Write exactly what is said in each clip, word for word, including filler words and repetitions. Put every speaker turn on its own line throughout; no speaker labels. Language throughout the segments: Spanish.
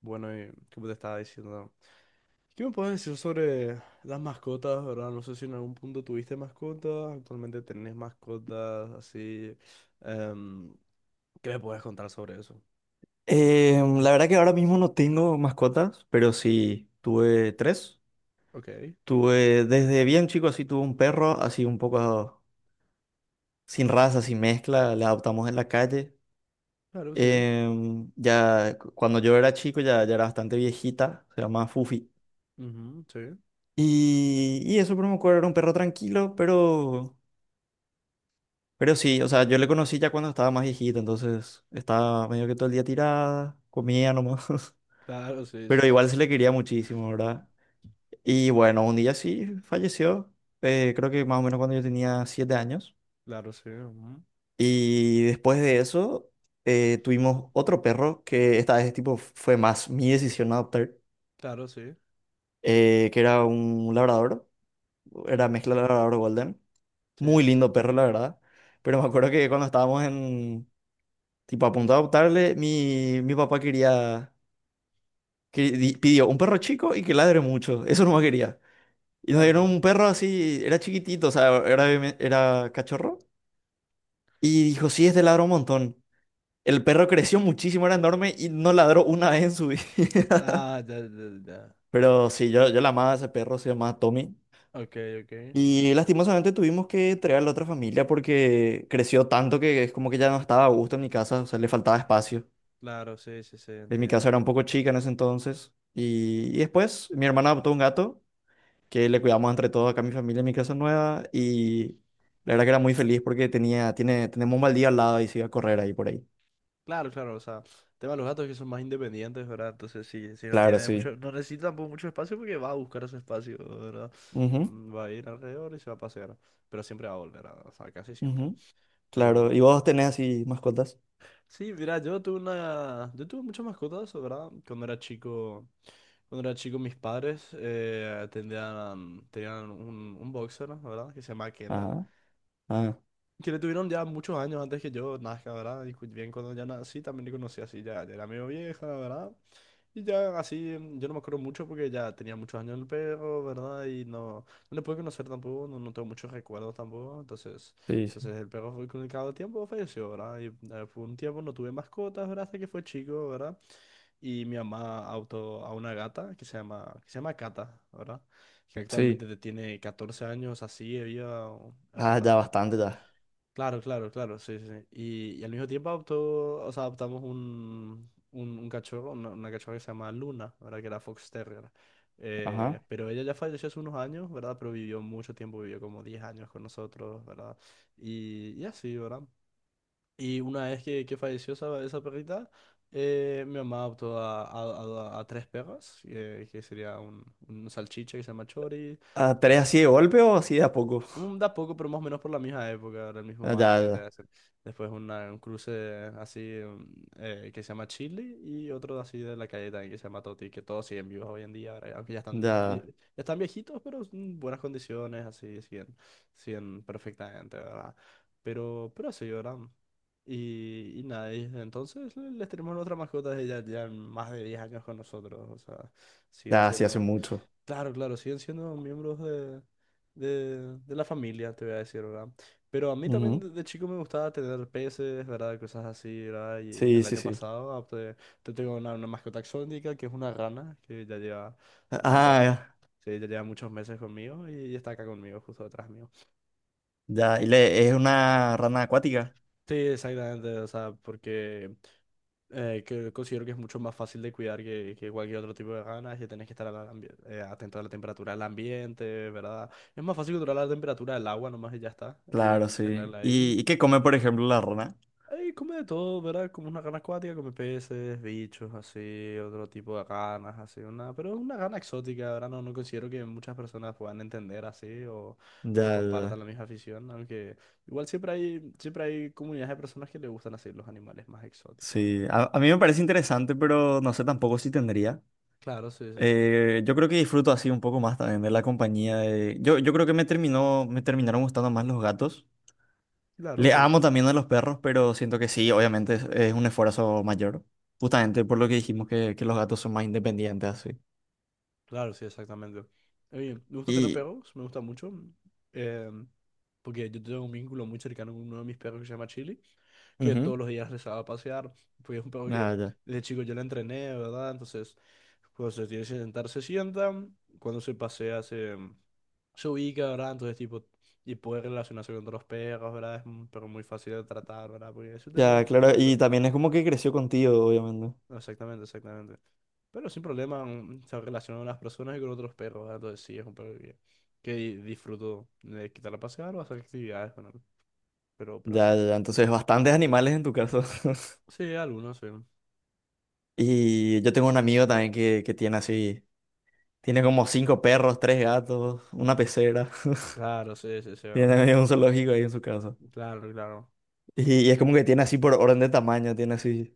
Bueno, y como te estaba diciendo, ¿qué me puedes decir sobre las mascotas, ¿verdad? No sé si en algún punto tuviste mascotas, actualmente tenés mascotas, así. em, ¿Qué me puedes contar sobre eso?
Eh, la verdad que ahora mismo no tengo mascotas, pero sí tuve tres.
Ok,
Tuve desde bien chico, así tuve un perro, así un poco sin raza, sin mezcla, le adoptamos en la calle.
claro, sí.
Em, ya cu- cuando yo era chico ya, ya era bastante viejita, se llamaba Fufi.
Ujú, sí.
Y, y eso, pero me acuerdo, era un perro tranquilo, pero, pero sí, o sea, yo le conocí ya cuando estaba más viejita, entonces estaba medio que todo el día tirada, comía nomás,
Claro, sí,
pero
sí, sí.
igual se le quería muchísimo, ¿verdad? Y bueno, un día sí falleció, eh, creo que más o menos cuando yo tenía siete años.
Claro, sí. Ujú.
Y después de eso eh, tuvimos otro perro que esta vez tipo fue más mi decisión adoptar,
Claro, sí.
eh, que era un labrador,
Ujú.
era mezcla labrador golden.
Sí,
Muy
sí, sí.
lindo perro, la verdad. Pero me acuerdo que cuando estábamos en, tipo a punto de adoptarle, mi, mi papá quería, que- di- pidió un perro chico y que ladre mucho. Eso no quería. Y nos
Claro,
dieron
claro.
un perro así, era chiquitito, o sea, era, bebé- era cachorro. Y dijo, sí, este ladró un montón. El perro creció muchísimo, era enorme y no ladró una vez en su vida.
Ah, ya, ya, ya.
Pero sí, yo, yo la amaba a ese perro, se llamaba Tommy.
Ok, ok.
Y lastimosamente tuvimos que traerle a otra familia porque creció tanto que es como que ya no estaba a gusto en mi casa, o sea, le faltaba espacio.
Claro, sí, sí, sí,
En mi
entiendo.
casa era un poco chica en ese entonces. Y, y después mi hermana adoptó un gato que le cuidamos entre todos acá a mi familia en mi casa nueva. Y la verdad que era muy feliz porque tenía, tiene, tenemos un baldío al lado y se iba a correr ahí por ahí.
Claro, claro, o sea, el tema de los gatos es que son más independientes, ¿verdad? Entonces sí, sí, no
Claro,
tiene
sí.
mucho, no necesita tampoco mucho espacio porque va a buscar ese espacio, ¿verdad?
Ujú.
Mm, Va a ir alrededor y se va a pasear, pero siempre va a volver, ¿verdad? O sea, casi siempre.
Ujú. Claro,
Pero
¿y vos tenés así mascotas?
sí, mira, yo tuve una, yo tuve muchas mascotas, ¿verdad? Cuando era chico, cuando era chico mis padres eh, tenían, tenían un, un boxer, ¿verdad? Que se llama Kendra,
Ajá, ah,
que le tuvieron ya muchos años antes que yo nazca, ¿verdad? Y cu- bien cuando ya nací también le conocí así, ya, ya era medio vieja, ¿verdad? Y ya así, mm, yo no me acuerdo mucho porque ya tenía muchos años el perro, ¿verdad? Y no, no le pude conocer tampoco, no, no tengo muchos recuerdos tampoco. Entonces,
sí, sí.
entonces el perro fue con el cabo tiempo falleció, ¿verdad? Y eh, por un tiempo no tuve mascotas, ¿verdad? Hasta que fue chico, ¿verdad? Y mi mamá adoptó a una gata que se llama, que se llama Cata, ¿verdad? Que
Sí.
actualmente tiene catorce años, así, había.
Ah, ya bastante ya.
Claro, claro, claro, sí, sí. Sí. Y, y al mismo tiempo adoptó, o sea, adoptamos un, un, un cachorro, una, una cachorra que se llama Luna, ¿verdad? Que era Fox Terrier. Eh,
Ajá.
pero ella ya falleció hace unos años, ¿verdad? Pero vivió mucho tiempo, vivió como diez años con nosotros, ¿verdad? Y, y así, ¿verdad? Y una vez que, que falleció esa, esa perrita, eh, mi mamá adoptó a, a, a- a tres perros, eh, que sería un, un salchicha que se llama Chori.
Ah, ¿tenés así de golpe o así de a poco?
Mm, Da poco, pero más o menos por la misma época, del
Ah,
mismo
ya,
año, te voy a
ya,
decir. Después una- un cruce así mm, eh, que se llama Chile y otro así de la calle también que se llama Toti, que todos siguen vivos hoy en día, ahora, aunque ya están, vi-
ya,
ya están viejitos, pero en buenas condiciones, así siguen, siguen perfectamente, ¿verdad? Pero, pero así, ¿verdad? Y, y nada, y desde entonces le- les tenemos otra mascota de ya, ya más de diez años con nosotros, o sea, siguen
ya, sí hace
siendo.
mucho.
Claro, claro, siguen siendo miembros de, de, de la familia, te voy a decir, ¿verdad? Pero a mí también
Ujú.
de, de chico me gustaba tener peces, ¿verdad? Cosas así, ¿verdad? Y
Sí,
el
sí,
año
sí.
pasado adopté- te tengo una, una mascota exótica que es una rana que ya lleva, ya lleva,
Ah, ya,
sí, ya lleva muchos meses conmigo y está acá conmigo, justo detrás mío.
ya. y le, es una rana acuática.
Sí, exactamente, o sea, porque eh, que considero que es mucho más fácil de cuidar que, que cualquier otro tipo de ganas, que tenés que estar al ambi- eh, atento a la temperatura del ambiente, ¿verdad? Es más fácil controlar la temperatura del agua nomás y ya está, y,
Claro,
y
sí.
tenerla ahí.
¿Y, y qué come, por ejemplo, la rana?
Ahí come de todo, ¿verdad? Como una gana acuática, come peces, bichos, así, otro tipo de ganas, así, una, pero es una gana exótica, ¿verdad? No, no considero que muchas personas puedan entender así o, o,
Ya,
compartan la
ya.
misma afición, aunque igual siempre hay, siempre hay comunidades de personas que le gustan así los animales más exóticos,
Sí, a,
¿verdad?
a mí me parece interesante, pero no sé tampoco si tendría.
Claro, sí, sí, sí.
Eh, yo creo que disfruto así un poco más también de la compañía de... Yo, yo creo que me terminó, me terminaron gustando más los gatos.
Claro,
Le
sí.
amo también a los perros, pero siento que sí, obviamente es, es un esfuerzo mayor. Justamente por lo que dijimos que, que los gatos son más independientes así.
Claro, sí, exactamente. Oye, me gusta tener
Y...
perros, me gusta mucho. eh, porque yo tengo un vínculo muy cercano con uno de mis perros que se llama Chili, que
ujú,
todos los días les hago a pasear, porque es un perro que
ah, ya.
desde chico yo le entrené, ¿verdad? Entonces, cuando se tiene que sentar, se sienta, cuando se pasea, se, em, se ubica, ¿verdad? Entonces, tipo, y puede relacionarse con otros perros, ¿verdad? Es un perro muy fácil de tratar, ¿verdad? Porque es un tema
Ya,
con
claro.
muchos
Y
perros.
también es como que creció contigo, obviamente.
Exactamente, exactamente. Pero sin problema mm, se relacionan las personas y con otros perros, ¿verdad? Entonces sí, es un perro que, que di- disfruto de quitar a pasear o hacer actividades con él. Pero, pero así.
Ya, ya, ya. Entonces, bastantes animales en tu caso.
Sí, algunos, sí.
Y yo tengo un amigo también que, que tiene así... Tiene como cinco perros, tres gatos, una pecera.
Claro, sí, sí, sí. Ah.
Tiene ahí un zoológico ahí en su casa.
Claro, claro.
Y, y es como que tiene así por orden de tamaño, tiene así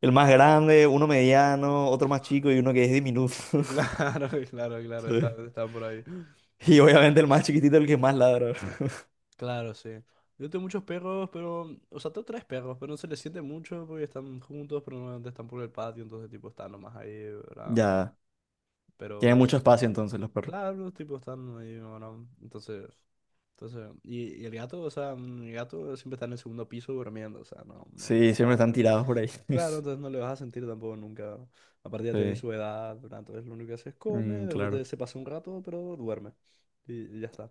el más grande, uno mediano, otro más chico y uno que es diminuto.
Claro, claro, claro,
Sí.
están, están por ahí.
Y obviamente el más chiquitito, el que más ladra.
Claro, sí. Yo tengo muchos perros, pero. O sea, tengo tres perros, pero no se les siente mucho porque están juntos, pero normalmente están por el patio, entonces tipo están nomás ahí, ¿verdad?
Ya, tiene
Pero, pero,
mucho espacio entonces los perros.
claro, los tipos están ahí, bueno, entonces, entonces, y, y el gato, o sea, mm, el gato siempre está en el segundo piso durmiendo, o sea, no, no le
Sí,
vas
siempre
a
están
ver.
tirados por ahí.
Claro, entonces no le vas a sentir tampoco nunca. Aparte ya tiene
Sí,
su edad, ¿verdad? Entonces lo único que hace es come, de
mm,
repente
claro.
se pasa un rato, pero duerme. Y, y ya está.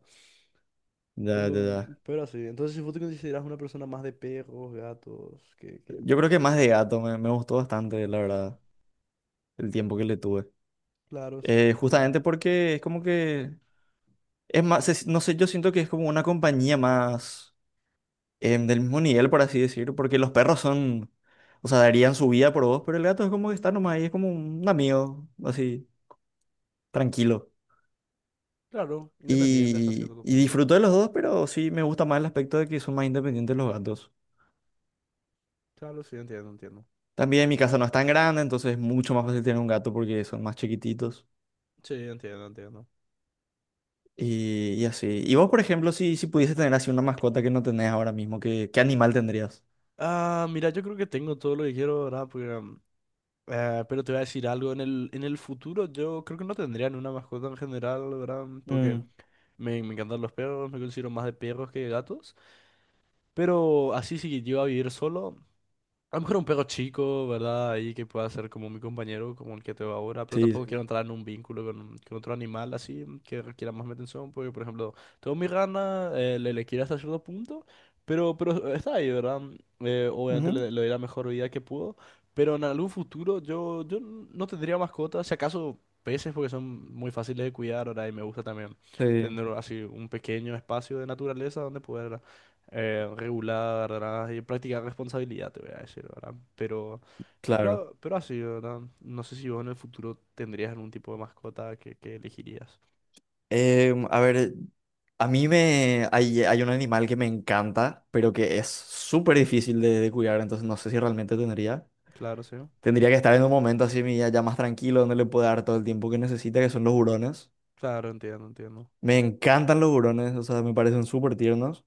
Ya, ya,
Pero,
ya.
pero así, entonces si vos te consideras una persona más de perros, gatos, que, que...
Yo creo que más de gato, me, me gustó bastante, la verdad, el tiempo que le tuve.
Claro, sí,
Eh,
entiendo.
justamente porque es como que, es más, se- no sé, yo siento que es como una compañía más... em, del mismo nivel, por así decirlo, porque los perros son, o sea, darían su vida por vos, pero el gato es como que está nomás ahí, es como un amigo, así, tranquilo.
Claro, independiente hasta
Y,
cierto
y
punto.
disfruto de los dos, pero sí me gusta más el aspecto de que son más independientes los gatos.
Claro, sí, entiendo, entiendo.
También mi casa no es tan grande, entonces es mucho más fácil tener un gato porque son más chiquititos.
Sí, entiendo, entiendo.
Y, y así. Y vos, por ejemplo, si, si pudieses tener así una mascota que no tenés ahora mismo, ¿qué, qué animal tendrías?
Ah, mira, yo creo que tengo todo lo que quiero, ¿verdad? Porque, um, eh, pero te voy a decir algo, en el, en el futuro yo creo que no tendría ni una mascota en general, ¿verdad? Porque
Mm,
me, me encantan los perros, me considero más de perros que de gatos. Pero así si yo a vivir solo, a lo mejor un perro chico, ¿verdad? Ahí que pueda ser como mi compañero, como el que tengo ahora, pero
sí,
tampoco quiero
sí.
entrar en un vínculo con, con otro animal así mm, que requiera más mi atención, porque por ejemplo, tengo mi rana, eh, le, le quiero hasta cierto punto, pero, pero está ahí, ¿verdad? Eh, obviamente
Ujú,
le, le doy la mejor vida que puedo, pero en algún futuro yo, yo no tendría mascotas, si acaso peces, porque son muy fáciles de cuidar, ¿verdad? Y me gusta también
sí,
tener así un pequeño espacio de naturaleza donde poder eh, regular, ¿verdad? Y practicar responsabilidad, te voy a decir, ¿verdad? Pero,
claro.
pero, pero así, ¿verdad? No sé si vos en el futuro tendrías algún tipo de mascota que, que elegirías.
Em, a ver, a mí me hay, hay un animal que me encanta, pero que es súper difícil de, de cuidar, entonces no sé si realmente tendría.
Claro, sí.
Tendría que estar en un momento así mi ya ya más tranquilo, donde le pueda dar todo el tiempo que necesita, que son los hurones.
Claro, entiendo, entiendo.
Me encantan los hurones, o sea, me parecen súper tiernos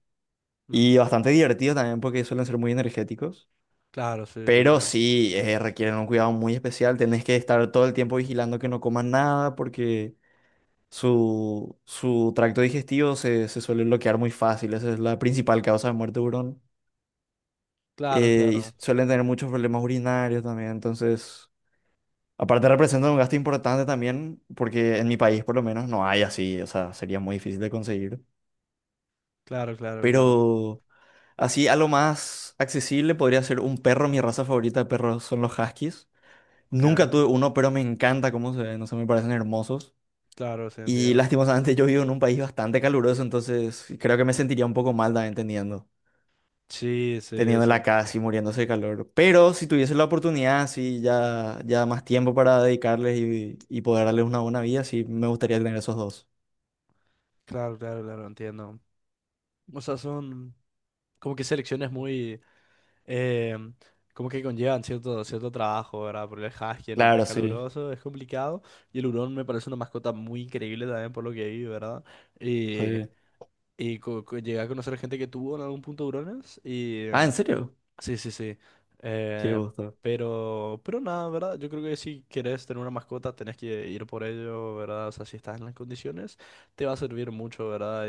Ujú.
y bastante divertidos también porque suelen ser muy energéticos.
Claro, sí, sí, sí.
Pero sí, eh, requieren un cuidado muy especial, tenés que estar todo el tiempo vigilando que no coman nada porque... Su, su tracto digestivo se, se suele bloquear muy fácil, esa es la principal causa de muerte de hurón.
Claro,
Eh, y
claro.
suelen tener muchos problemas urinarios también, entonces, aparte representa un gasto importante también, porque en mi país por lo menos no hay así, o sea, sería muy difícil de conseguir.
Claro, claro, claro.
Pero así, a lo más accesible podría ser un perro, mi raza favorita de perros son los huskies.
Ok,
Nunca tuve uno, pero me encanta cómo se ven, no sé, me parecen hermosos.
claro, sí,
Y
entiendo.
lastimosamente yo vivo en un país bastante caluroso, entonces creo que me sentiría un poco mal también teniendo,
Sí, sí, sí.
teniéndola acá así muriéndose de calor. Pero si tuviese la oportunidad, sí, ya, ya más tiempo para dedicarles y, y poder darles una buena vida, sí, me gustaría tener esos dos.
Claro, claro, claro, entiendo. O sea, son como que selecciones muy, eh, como que conllevan cierto, cierto trabajo, ¿verdad? Porque el husky en un
Claro,
país
sí.
caluroso es complicado y el hurón me parece una mascota muy increíble también por lo que vi, ¿verdad? Y,
Sí.
y co- co- llegué a conocer gente que tuvo en algún punto hurones y
Ah,
eh,
¿en serio?
sí, sí, sí.
Qué
Eh,
gusto.
pero, pero nada, ¿verdad? Yo creo que si querés tener una mascota tenés que ir por ello, ¿verdad? O sea, si estás en las condiciones, te va a servir mucho, ¿verdad?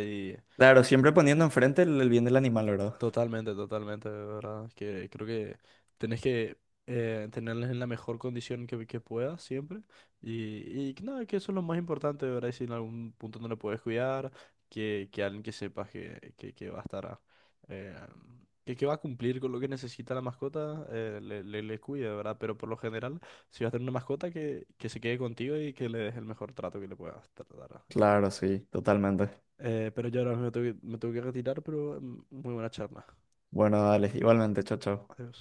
Claro, siempre poniendo enfrente el, el bien del animal, ¿verdad?
Totalmente, totalmente, de verdad. Que creo que tenés que eh, tenerles en la mejor condición que, que puedas siempre. Y, y que nada, que eso es lo más importante, de verdad. Y si en algún punto no le puedes cuidar, que, que alguien que sepas que, que, que va a estar, a- eh, que, que va a cumplir con lo que necesita la mascota, eh, le, le, le cuide, de verdad. Pero por lo general, si vas a tener una mascota, que, que se quede contigo y que le des el mejor trato que le puedas dar. Y-
Claro, sí, totalmente.
Eh, pero yo ahora me tengo que, me tengo que retirar, pero mm, muy buena charla.
Bueno, dale, igualmente, chao, chao.
Adiós.